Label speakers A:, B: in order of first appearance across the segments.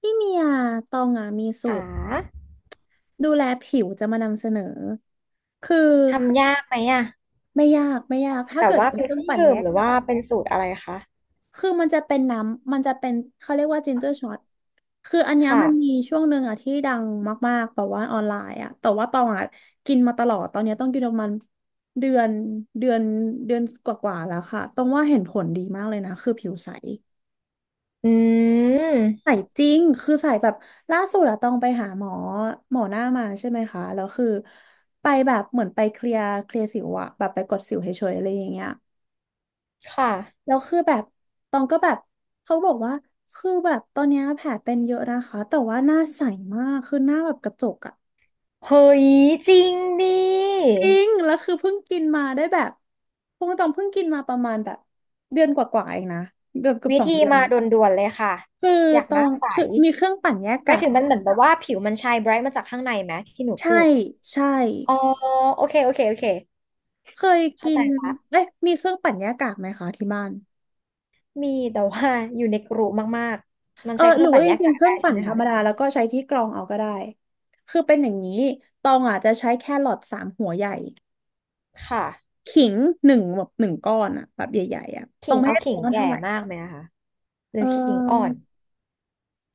A: พี่เมียตองอ่ะมีสู
B: หา
A: ตรดูแลผิวจะมานำเสนอ คือ
B: ทำยากไหมอะ
A: ไม่ยากไม่ยาก ถ้า
B: แบบ
A: เกิด
B: ว่า
A: มี
B: เป็
A: เค
B: น
A: รื่
B: เค
A: อง
B: รื่อง
A: ปั่น
B: ดื่
A: แย
B: มห
A: ก
B: รือ
A: อะ
B: ว่าเป็นสูตรอะไรคะ
A: คือมันจะเป็นน้ำ มันจะเป็นเขาเรียกว่าจินเจอร์ช็อตคืออันเนี้ย
B: ค่ะ
A: มันมีช่วงหนึ่งอ่ะที่ดังมากๆแบบว่าออนไลน์อ่ะแต่ว่าตองอ่ะกินมาตลอด ตอนเนี้ยต้องกินประมาณเดือนเดือนเดือนกว่าๆแล้วค่ะตองว่าเห็นผลดีมากเลยนะ คือผิวใส
B: อืม
A: สายจริงคือสายแบบล่าสุดอะต้องไปหาหมอหน้ามาใช่ไหมคะแล้วคือไปแบบเหมือนไปเคลียร์สิวอะแบบไปกดสิวเฉยๆอะไรอย่างเงี้ย
B: ค่ะ
A: แล้วคือแบบตองก็แบบเขาบอกว่าคือแบบตอนเนี้ยแผลเป็นเยอะนะคะแต่ว่าหน้าใสมากคือหน้าแบบกระจกอะ
B: เฮ้ยจริงดิ
A: จริงแล้วคือเพิ่งกินมาได้แบบพวกตองเพิ่งกินมาประมาณแบบเดือนกว่าๆเองนะเกือบ
B: วิ
A: สอง
B: ธี
A: เดือน
B: มา
A: อะ
B: ด่วนๆเลยค่ะ
A: คือ
B: อยาก
A: ต
B: ห
A: อ
B: น้า
A: ง
B: ใส
A: คือมีเครื่องปั่นแยก
B: ไม่
A: กาก
B: ถึงมันเหมือนแบบว่าผิวมันชายไบรท์มาจากข้างในไหมที่หนู
A: ใช่
B: พูด
A: ใช่
B: อ๋อโอเคโอเคโอเค
A: เคย
B: เข้า
A: กิ
B: ใจ
A: น
B: ละ
A: เอ๊ะมีเครื่องปั่นหญ้ากากไหมคะที่บ้าน
B: มีแต่ว่าอยู่ในกรุมากๆมัน
A: เออ
B: ใช้เค
A: ห
B: รื่
A: รื
B: อ
A: อ
B: งปั่
A: ว่า
B: น
A: จ
B: แยก
A: ริง
B: กา
A: ๆ
B: ก
A: เครื่
B: ได้
A: อง
B: ใช่
A: ปั่น
B: ไหม
A: ธร
B: คะ
A: รมดาแล้วก็ใช้ที่กรองเอาก็ได้คือเป็นอย่างนี้ตองอาจจะใช้แครอทสามหัวใหญ่
B: ค่ะ
A: ขิงหนึ่งแบบหนึ่งก้อนอะแบบใหญ่ๆอะต
B: ขิ
A: อง
B: ง
A: ไม่
B: เอา
A: ได้ต
B: ขิ
A: ว
B: ง
A: งกัน
B: แก่
A: เท่าไหร่
B: มากไหมนะคะห
A: เ
B: รือขิงอ่อน
A: ออ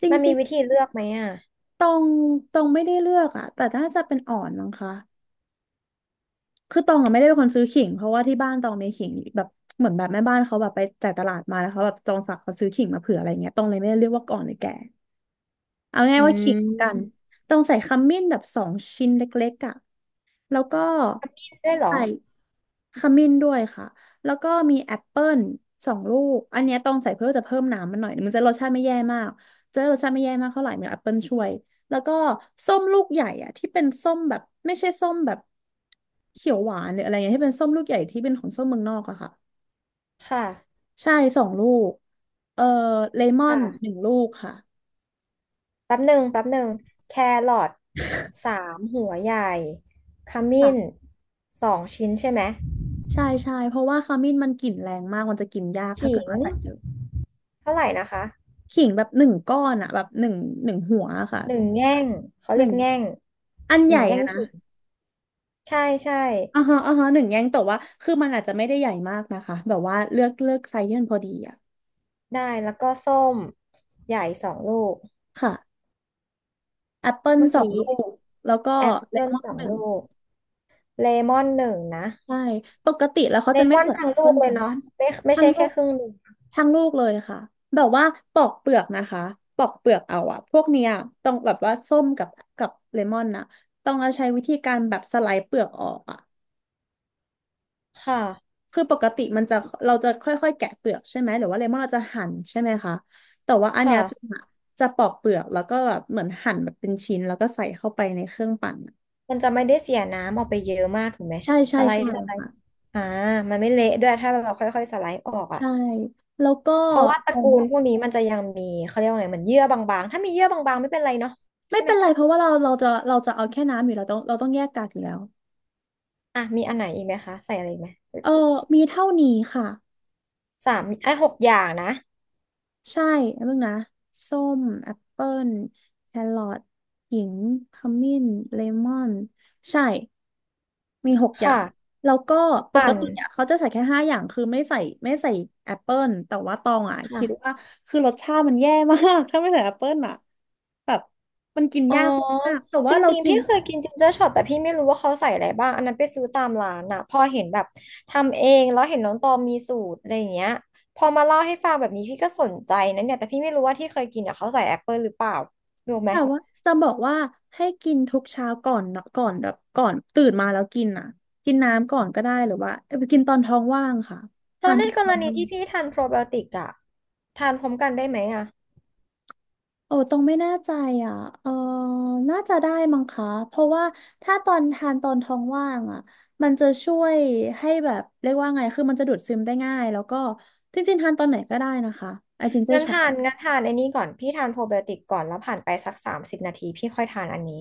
A: จริ
B: มันมี
A: ง
B: วิธีเลือกไหมอ่ะ
A: ๆตองไม่ได้เลือกอะแต่น่าจะเป็นอ่อนมั้งคะคือตองอะไม่ได้เป็นคนซื้อขิงเพราะว่าที่บ้านตองมีขิงแบบเหมือนแบบแม่บ้านเขาแบบไปจ่ายตลาดมาแล้วเขาแบบตองฝากเขาซื้อขิงมาเผื่ออะไรเงี้ยตองเลยไม่ได้เรียกว่าก่อนหรือแก่ เอาง่าย
B: อื
A: ว่าขิงกัน
B: ม
A: ต้องใส่ขมิ้นแบบสองชิ้นเล็กๆอ่ะแล้วก็
B: มีด้วยเหรอ
A: ใส่ขมิ้นด้วยค่ะแล้วก็มีแอปเปิลสองลูกอันเนี้ยต้องใส่เพื่อจะเพิ่มน้ำมันหน่อยมันจะรสชาติไม่แย่มากจะรสชาติไม่แย่มากเท่าไหร่มีแอปเปิลช่วยแล้วก็ส้มลูกใหญ่อ่ะที่เป็นส้มแบบไม่ใช่ส้มแบบเขียวหวานหรืออะไรเงี้ยที่เป็นส้มลูกใหญ่ที่เป็นของส้มเมืองนอกอะค่ะ
B: ค่ะ
A: ใช่สองลูกเอ่อเลมอนหนึ่
B: ค่ะ
A: งลูกค่
B: แป๊บหนึ่งแป๊บหนึ่งแครอท3 หัวใหญ่ขมิ้น
A: ะ
B: 2 ชิ้นใช่ไหม
A: ใช่ใช่เพราะว่าขมิ้นมันกลิ่นแรงมากมันจะกินยากถ้า
B: ขิ
A: เกิด
B: ง
A: ว่าใส่เยอะ
B: เท่าไหร่นะคะ
A: ขิงแบบหนึ่งก้อนอะแบบหนึ่งหัวอะค่ะ
B: หนึ่งแง่งเขา
A: ห
B: เรี
A: นึ่
B: ยก
A: ง
B: แง่ง
A: อัน
B: ห
A: ให
B: นึ่
A: ญ่
B: งแง่ง
A: อะนะ
B: ขิง ใช่ใช่
A: อ่าฮะอ่าฮะหนึ่งแยงแต่ว่าคือมันอาจจะไม่ได้ใหญ่มากนะคะแบบว่าเลือกไซส์ที่มันพอดีอะ
B: ได้ แล้วก็ส้มใหญ่สองลูก
A: ค่ะแอปเปิล
B: เมื่อ
A: สอง
B: กี้
A: ลูกแล้วก็
B: แอป
A: เล
B: เปิล
A: มอน
B: สอง
A: หนึ่
B: ลู
A: ง
B: ก เลมอน1นะ
A: ใช่ปกติแล้วเขา
B: เล
A: จะ
B: ม
A: ไม่
B: อน
A: ใส่แอ
B: ทั้ง
A: ปเปิ
B: ลูก
A: ล
B: เล
A: กั
B: ย
A: น
B: เนาะไม่ไม่
A: ทั้ง
B: ใช่
A: ลู
B: แค่
A: ก
B: ครึ่งหนึ่ง
A: ทั้งลูกเลยค่ะแบบว่าปอกเปลือกนะคะปอกเปลือกเอาอะพวกเนี้ยต้องแบบว่าส้มกับเลมอนนะต้องเอาใช้วิธีการแบบสไลด์เปลือกออกอะ
B: ค่ะ
A: คือปกติมันจะเราจะค่อยๆแกะเปลือกใช่ไหมหรือว่าเลมอนเราจะหั่นใช่ไหมคะแต่ว่าอันเนี้ย
B: ค่ะ
A: จะปอกเปลือกแล้วก็แบบเหมือนหั่นแบบเป็นชิ้นแล้วก็ใส่เข้าไปในเครื่องปั่นอะ
B: มันจะไม่ได้เสียน้ำออกไปเยอะมากถูกไหม
A: ใช่
B: ส
A: ใช่
B: ไล
A: ใช่
B: ด์สไลด์
A: ค่ะ
B: อ่ามันไม่เละด้วยถ้าเราค่อยๆสไลด์ออกอ่ะ
A: ใช่แล้วก็
B: เพราะว่าตระ
A: เอิ่
B: กู
A: ม
B: ลพวกนี้มันจะยังมีเขาเรียกว่าไงเหมือนเยื่อบางๆถ้ามีเยื่อบางๆไม่เป็นไรเนาะ
A: ไม่
B: ใช่ไหม
A: เป็นไรเพราะว่าเราจะเอาแค่น้ำอยู่แล้วต้องเราต้องแยกกากอยู่แล้ว
B: อ่ะมีอันไหนอีกไหมคะใส่อะไรอีกไหม
A: เออมีเท่านี้ค่ะ
B: สามไอ้ยหกอย่างนะ
A: ใช่แล้วมึงนะส้มแอปเปิลแครอทขิงขมิ้นเลมอนใช่มีหกอย่า
B: ค่ะ
A: งแล้วก็ปก
B: ปั่น
A: ติอ่ะเขาจะใส่แค่ห้าอย่างคือไม่ใส่แอปเปิลแต่ว่าตองอ่ะคิด
B: ค่ะ
A: ว่าคือรสชาติมันแย่มาก ถ้าไม่ใส่แอปเปิลอ่ะแบบมันกิน
B: อ๋อ
A: ยากมากๆแต่
B: จ
A: ว่าเรา
B: ริงๆ
A: กิน
B: พี่เคยกินจินเจอร์ช็อตแต่พี่ไม่รู้ว่าเขาใส่อะไรบ้างอันนั้นไปซื้อตามร้านน่ะพอเห็นแบบทำเองแล้วเห็นน้องตอมมีสูตรอะไรอย่างเงี้ยพอมาเล่าให้ฟังแบบนี้พี่ก็สนใจนะเนี่ยแต่พี่ไม่รู้ว่าที่เคยกินอ่ะเขาใส่แอปเปิลหรือเปล่ารู้ไหม
A: แต่ว่าจะบอกว่าให้กินทุกเช้าก่อนเนาะก่อนแบบก่อนตื่นมาแล้วกินอ่ะกินน้ำก่อนก็ได้หรือว่าเอ้ยกินตอนท้องว่างค่ะ
B: แล้
A: ทา
B: ว
A: น
B: ใน
A: ตอน
B: ก
A: ท้
B: ร
A: อง
B: ณี
A: ว่าง
B: ที่พี่ทานโปรไบโอติกอ่ะทานพร้อมกันได้ไหมอ่ะ
A: โอ้ตรงไม่แน่ใจอ่ะเออน่าจะได้มั้งคะเพราะว่าถ้าตอนทานตอนท้องว่างอ่ะมันจะช่วยให้แบบเรียกว่าไงคือมันจะดูดซึมได้ง่ายแล้วก็จริงๆทานตอนไหนก็ได้นะคะไอจินเจอร์
B: งั้น
A: ช็อต
B: ทา
A: แบ
B: น
A: บ
B: งั้นทานไอ้นี่ก่อนพี่ทานโปรไบโอติกก่อนแล้วผ่านไปสัก30 นาทีพี่ค่อยทานอันนี้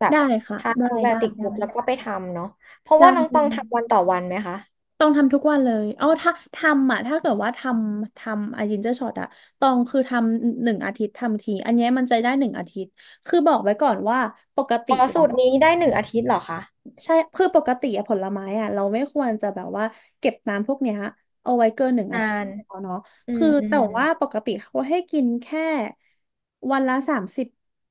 B: แบบ
A: ได้ค่ะ
B: ทาน
A: ได้
B: โปรไบโอ
A: ได้
B: ติก
A: ได้
B: ปุ๊บแล้วก็ไปทำเนาะเพราะ
A: ได้
B: ว่าน้องตองทำวันต่อวันไหมคะ
A: ต้องทำทุกวันเลยเอาถ้าทำอ่ะถ้าเกิดว่าทำไอจินเจอร์ช็อตอะตองคือทำหนึ่งอาทิตย์ทำทีอันเนี้ยมันจะได้หนึ่งอาทิตย์คือบอกไว้ก่อนว่าปกติ
B: อ๋อสูตรนี้ได้1 อาทิตย์เหรอคะ
A: ใช่คือปกติอะผลไม้อะเราไม่ควรจะแบบว่าเก็บน้ำพวกเนี้ยเอาไว้เกินหนึ่งอา
B: นา
A: ทิตย์
B: น
A: เนาะ
B: อื
A: คื
B: ม
A: อ
B: อื
A: แต่
B: ม
A: ว่าปกติเขาให้กินแค่วันละสามสิบ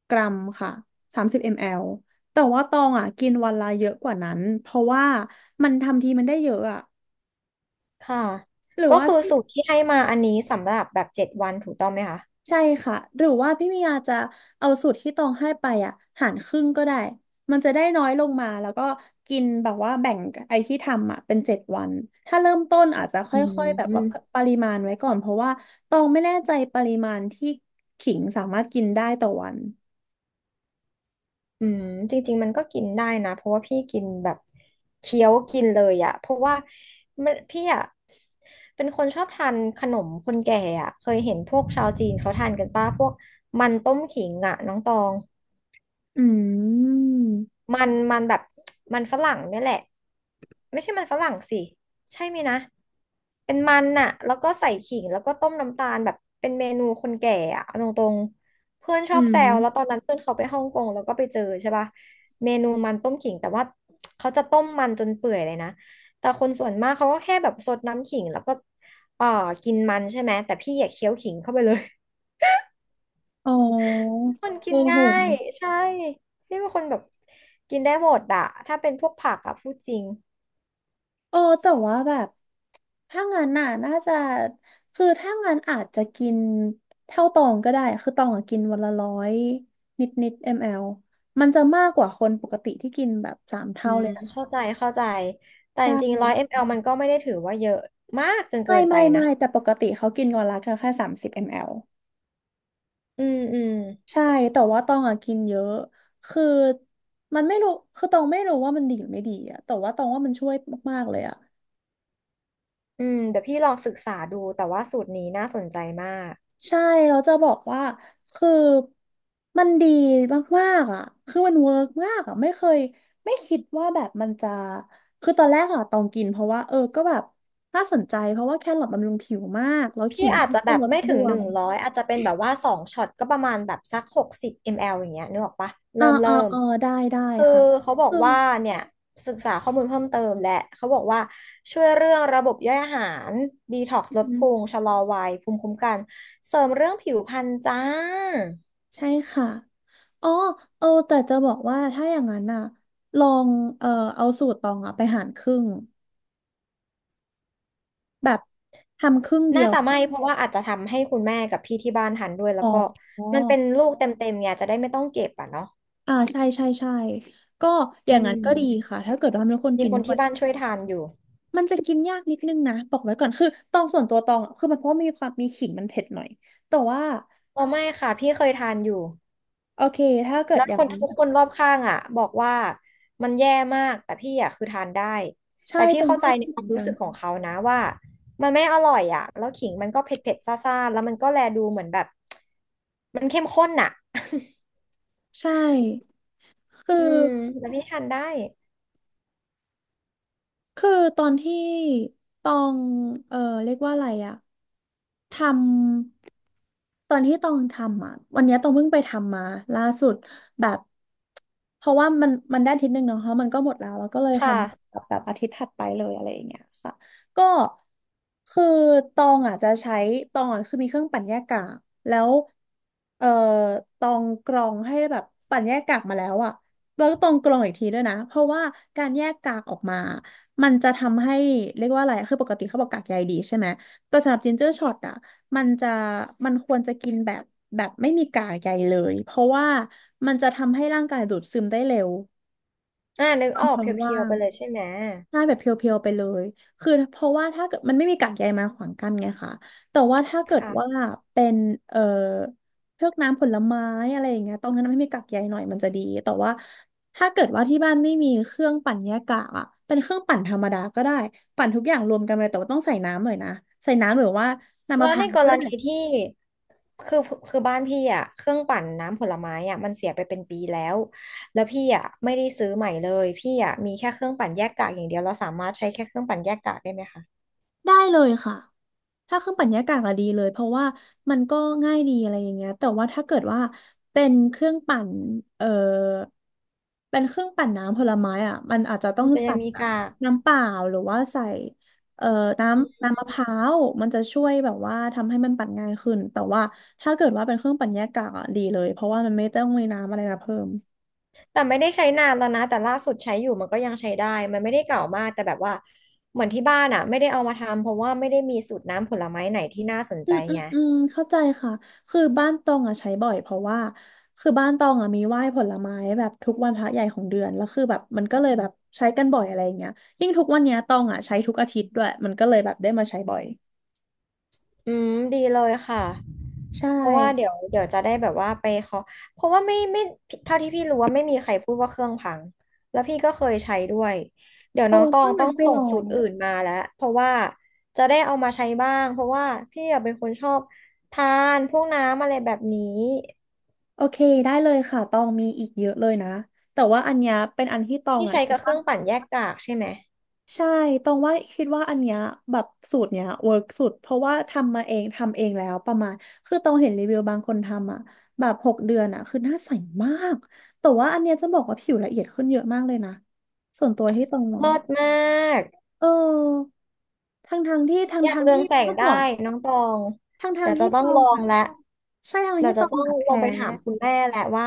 A: กรัมค่ะ30 มลลิลิตรแต่ว่าตองอะกินวันละเยอะกว่านั้นเพราะว่ามันทำทีมันได้เยอะอะ
B: ค่ะ
A: หรือ
B: ก็
A: ว่า
B: คือสูตรที่ให้มาอันนี้สำหรับแบบ7 วันถูกต้องไหมคะ
A: ใช่ค่ะหรือว่าพี่มียาจะเอาสูตรที่ตองให้ไปอ่ะหารครึ่งก็ได้มันจะได้น้อยลงมาแล้วก็กินแบบว่าแบ่งไอ้ที่ทำอ่ะเป็น7 วันถ้าเริ่มต้นอาจจะค
B: อื
A: ่อยๆแบบว่า
B: ม
A: ปริมาณไว้ก่อนเพราะว่าตองไม่แน่ใจปริมาณที่ขิงสามารถกินได้ต่อวัน
B: อืมจริงๆมันก็กินได้นะเพราะว่าพี่กินแบบเคี้ยวกินเลยอะเพราะว่ามันพี่อะเป็นคนชอบทานขนมคนแก่อะเคยเห็นพวกชาวจีนเขาทานกันป้าพวกมันต้มขิงอะน้องตอง
A: อืม
B: มันมันแบบมันฝรั่งเนี่ยแหละไม่ใช่มันฝรั่งสิใช่ไหมยนะเป็นมันน่ะแล้วก็ใส่ขิงแล้วก็ต้มน้ำตาลแบบเป็นเมนูคนแก่อะเอาตรงๆเพื่อนช
A: อื
B: อบแซวแล้วตอน
A: ม
B: นั้นเพื่อนเขาไปฮ่องกงแล้วก็ไปเจอใช่ปะเมนูมันต้มขิงแต่ว่าเขาจะต้มมันจนเปื่อยเลยนะแต่คนส่วนมากเขาก็แค่แบบซดน้ำขิงแล้วก็เอ่อกินมันใช่ไหมแต่พี่อยากเคี้ยวขิงเข้าไปเลย
A: อ๋อ
B: คนกิ
A: โอ้
B: น
A: โห
B: ง่ายใช่พี่เป็นคนแบบกินได้หมดอะถ้าเป็นพวกผักอะพูดจริง
A: เออแต่ว่าแบบถ้างั้นน่ะน่าจะคือถ้างั้นอาจจะกินเท่าตองก็ได้ คือตองอะกินวันละ100นิดนิดมลมันจะมากกว่าคนปกติที่กินแบบสาม
B: อื
A: เท่า
B: ม
A: เลยนะ
B: เข้าใจเข้าใจแต่
A: ใช่
B: จริงๆ100 มลมันก็ไม่ได้ถือว่าเยอะมากจนเกิ
A: ไม่
B: นไป
A: ไม่
B: นะ
A: ไม่แต่ปกติเขากินวันละแค่สามสิบมล
B: อืมอืม
A: ใช่แต่ว่าตองอะกินเยอะ คือมันไม่รู้คือตองไม่รู้ว่ามันดีหรือไม่ดีอะแต่ว่าตองว่ามันช่วยมากๆเลยอะ
B: อืมเดี๋ยวพี่ลองศึกษาดูแต่ว่าสูตรนี้น่าสนใจมาก
A: ใช่เราจะบอกว่า คือ มันดีมากๆอ่ะคือมันเวิร์กมากอ่ะไม่เคยไม่คิดว่าแบบมันจะ คือตอนแรกอ่ะตองกินเพราะว่าเออก็แบบน่าสนใจเพราะว่าแครอทบำรุงผิวมากแล้วขิ
B: พี่
A: ง
B: อาจจะ
A: ก็
B: แบบ
A: ลด
B: ไม่
A: บ
B: ถึง
A: ว
B: หนึ่
A: ม
B: งร้อยอาจจะเป็นแบบว่า2 ช็อตก็ประมาณแบบสัก60 มลลิลิตรอย่างเงี้ยนึกออกปะ
A: อ่า
B: เริ่มเริ่
A: อ่า
B: ม
A: อ่าได้ได้
B: คือ
A: ค่ะ
B: เขาบอ
A: อื
B: ก
A: ม
B: ว่าเนี่ยศึกษาข้อมูลเพิ่มเติมและเขาบอกว่าช่วยเรื่องระบบย่อยอาหารดีท็อกซ์ล
A: อื
B: ดพุง
A: ม
B: ชะลอวัยภูมิคุ้มกันเสริมเรื่องผิวพรรณจ้า
A: ใช่ค่ะอ๋อเออแต่จะบอกว่าถ้าอย่างนั้นอ่ะลองเออเอาสูตรตองอ่ะไปหารครึ่ง แบบทำครึ่งเดี
B: น่า
A: ยว
B: จะไม่
A: อะ
B: เพราะว่าอาจจะทำให้คุณแม่กับพี่ที่บ้านทานด้วยแล้
A: อ๋
B: ว
A: อ
B: ก็มันเป็นลูกเต็มๆไงจะได้ไม่ต้องเก็บอ่ะเนาะ
A: อ่าใช่ใช่ใช่ก็อ
B: อื
A: ย่างนั้นก็ดี
B: ม
A: ค่ะถ้าเกิดว่ามีคน
B: มี
A: กิน
B: คน
A: ด้ว
B: ที่
A: ย
B: บ้านช่วยทานอยู่
A: มันจะกินยากนิดนึงนะบอกไว้ก่อนคือตองส่วนตัวตองอะคือมันเพราะมีความมีขิงมันเผ็ดหน่อยแต่ว่า
B: อ๋อไม่ค่ะพี่เคยทานอยู่
A: โอเคถ้าเกิด
B: แล้ว
A: อย่า
B: ค
A: ง
B: น
A: นั้น
B: ทุกคนรอบข้างอ่ะบอกว่ามันแย่มากแต่พี่อ่ะคือทานได้
A: ใช่
B: แต่พี่
A: ตอง
B: เข้า
A: ก็
B: ใจในค
A: เหมื
B: วา
A: อ
B: ม
A: นกั
B: รู้
A: น
B: สึกของเขานะว่ามันไม่อร่อยอ่ะแล้วขิงมันก็เผ็ดเผ็ดซาซ่าๆแล้วมันก็แลดูเหมือนแบบมันเข้มข้นอ่ะ
A: ใช่คือ
B: อืมแล้วพี่ทานได้
A: คือตอนที่ตองเออเรียกว่าอะไรอะ ทำตอนที่ตองทำอ่ะวันเนี้ยตองเพิ่งไปทำมาล่าสุดแบบเพราะว่ามันได้อาทิตย์หนึ่งเนาะเพราะมันก็หมดแล้วแล้วก็เลยท
B: ค่ะ
A: ำแบบแบบอาทิตย์ถัดไปเลยอะไรอย่างเงี้ยค่ะก็คือตองอ่ะจะใช้ตองอะคือมีเครื่องปั่นแยกกากแล้วเอ่อตองกรองให้แบบปั่นแยกกากมาแล้วอ่ะแล้วก็ตองกรองอีกทีด้วยนะเพราะว่าการแยกกากออกมามันจะทำให้เรียกว่าอะไรคือปกติเขาบอกกากใยดีใช่ไหม แต่สำหรับจินเจอร์ช็อตอ่ะมันจะมันควรจะกินแบบแบบไม่มีกากใยเลยเพราะว่ามันจะทำให้ร่างกายดูดซึมได้เร็ว
B: อ่านึก
A: ตอ
B: อ
A: น
B: อก
A: ท้
B: เ
A: อง
B: พี
A: ว่า
B: ยวๆ
A: ง
B: ไปเลยใช่ไหม
A: ใช่แบบเพียวๆไปเลยคือเพราะว่าถ้าเกิดมันไม่มีกากใยมาขวางกั้นไงคะแต่ว่าถ้าเกิดว่า
B: ค่ะ
A: เป็นเอ่อพวกน้ำผลไม้อะไรอย่างเงี้ยตรงนั้นไม่มีกากใยหน่อยมันจะดีแต่ว่าถ้าเกิดว่าที่บ้านไม่มีเครื่องปั่นแยกกากอ่ะเป็นเครื่องปั่นธรรมดาก็ได้ปั่นทุกอย่างรวมกันเลยแต่ว่าต้องใส่น้ำหน่อยนะใส่น้ำหรือว่าน้ำมะ
B: แล้
A: พ
B: วใน
A: ร้าว
B: ก
A: ก็
B: ร
A: ได้
B: ณีที่คือคือบ้านพี่อ่ะเครื่องปั่นน้ำผลไม้อ่ะมันเสียไปเป็นปีแล้วแล้วพี่อ่ะไม่ได้ซื้อใหม่เลยพี่อ่ะมีแค่เครื่องปั่นแยกกากอย่างเดียวเราสามารถใช้แค่เครื่องปั่นแยกกากได้ไหมคะ
A: ได้เลยค่ะ ถ้าเครื่องปั่นหญ้ากากอะดีเลยเพราะว่ามันก็ง่ายดีอะไรอย่างเงี้ยแต่ว่าถ้าเกิดว่าเป็นเครื่องปั่นเอ่อเป็นเครื่องปั่นน้ำผลไม้อ่ะมันอาจจะต้อ
B: มั
A: ง
B: นจะยั
A: ใส่
B: งมี
A: แบบ
B: กาก
A: น้ำเปล่าหรือว่าใส่เอ่อน้
B: อื
A: ำ
B: ม
A: น้ำมะพร้าวมันจะช่วยแบบว่าทำให้มันปั่นง่ายขึ้น แต่ว่าถ้าเกิดว่าเป็นเครื่องปั่นหญ้ากากอะดีเลย เพราะว่ามันไม่ต้องมีน้ำอะไรมาเพิ่ม
B: แต่ไม่ได้ใช้นานแล้วนะแต่ล่าสุดใช้อยู่มันก็ยังใช้ได้มันไม่ได้เก่ามากแต่แบบว่าเหมือนที่บ้านอ่ะไม่ได้เอามาทำเพราะว่าไม่ได้มีสูตรน้ำผลไม้ไหนที่น่าสน
A: อื
B: ใจ
A: มอืม
B: ไง
A: อืมเข้าใจค่ะคือบ้านตองอ่ะใช้บ่อยเพราะว่าคือบ้านตองอ่ะมีไหว้ผลไม้แบบทุกวันพระใหญ่ของเดือนแล้วคือแบบมันก็เลยแบบใช้กันบ่อยอะไรอย่างเงี้ยยิ่งทุกวันเนี้ยตองอ่ะใช้ทุกอาทิตย์ด้วยมันก็เลยแบบได้มาใช้บ่อย
B: อืมดีเลยค่ะ
A: ใช่
B: เพราะว่าเดี๋ยวจะได้แบบว่าไปขอเพราะว่าไม่เท่าที่พี่รู้ว่าไม่มีใครพูดว่าเครื่องพังแล้วพี่ก็เคยใช้ด้วยเดี๋ยว
A: โอ้
B: น้องตอง
A: ถ้า
B: ต้อ
A: งั้น
B: ง
A: ไป
B: ส่
A: ล
B: ง
A: อ
B: สู
A: ง
B: ตรอื่นมาแล้วเพราะว่าจะได้เอามาใช้บ้างเพราะว่าพี่อะเป็นคนชอบทานพวกน้ำอะไรแบบนี้
A: โอเคได้เลยค่ะตองมีอีกเยอะเลยนะแต่ว่าอันเนี้ยเป็นอันที่ตอง
B: ที่
A: อ่ะ
B: ใช้
A: คิด
B: กับเค
A: ว่า
B: รื่องปั่นแยกกากใช่ไหม
A: ใช่ตรงว่าคิดว่าอันเนี้ยแบบสูตรเนี้ยเวิร์กสุดเพราะว่าทำมาเองทำเองแล้วประมาณคือตรงเห็นรีวิวบางคนทำอ่ะแบบ6 เดือนอ่ะคือหน้าใสมากแต่ว่าอันเนี้ยจะบอกว่าผิวละเอียดขึ้นเยอะมากเลยนะส่วนตัวที่ตรงมอง
B: เลิศมาก
A: เออทางทางๆที่ทาง
B: อยาก
A: ทาง
B: เรื
A: ๆ
B: อง
A: ที่
B: แสง
A: เมื่อ
B: ได้
A: ก่อน
B: น้องตอง
A: ทางทา
B: เดี๋
A: ง
B: ยว
A: ๆ
B: จะ
A: ที่ต
B: ต้อง
A: อ
B: ล
A: ง
B: อง
A: อ่ะ
B: และ
A: ใช่ทางๆ
B: เดี๋ยว
A: ที่ต
B: จะ
A: อง
B: ต้อง
A: อ่ะ
B: ลง
A: แพ้
B: ไปถามคุณแม่แหละว่า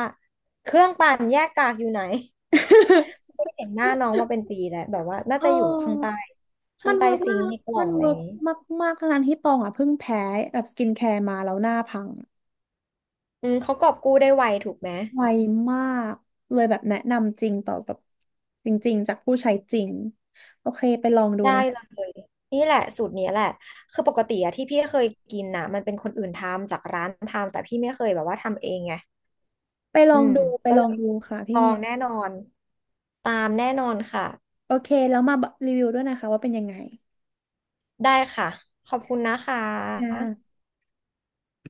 B: เครื่องปั่นแยกกากอยู่ไหน ไม่เห็นหน้าน้องมาเป็นปีแล้วแบบว่าน่า
A: เ
B: จะอยู่ข้าง
A: ออ
B: ใต้ข้า
A: มั
B: ง
A: น
B: ใต้
A: เวิร์ก
B: ซิ
A: มา
B: งค์
A: ก
B: ในกล่อ
A: มั
B: ง
A: น
B: อะไรอ
A: เวิร์
B: ย่า
A: ก
B: งนี้
A: มากๆทั้งนั้นที่ตองอ่ะเพิ่งแพ้แบบสกินแคร์มาแล้วหน้าพัง
B: อืมเขากอบกู้ได้ไวถูกไหม
A: ไวมากเลยแบบแนะนำจริงต่อแบบจริงๆจากผู้ใช้จริงโอเคไปลองดู
B: ได้
A: นะ
B: เลยนี่แหละสูตรนี้แหละคือปกติอะที่พี่เคยกินนะมันเป็นคนอื่นทำจากร้านทำแต่พี่ไม่เคยแบบว่าทำเองไง
A: ไปล
B: อื
A: อง
B: ม
A: ดูไป
B: ก็
A: ลอ
B: เล
A: ง
B: ย
A: ดูค่ะ
B: ล
A: พี่
B: อ
A: เมี
B: ง
A: ยน
B: แน่นอนตามแน่นอนค่ะ
A: โอเคแล้วมารีวิวด้วยนะคะว่าเป็นยังไง
B: ได้ค่ะ ขอบคุณนะค
A: อ
B: ะ
A: ่า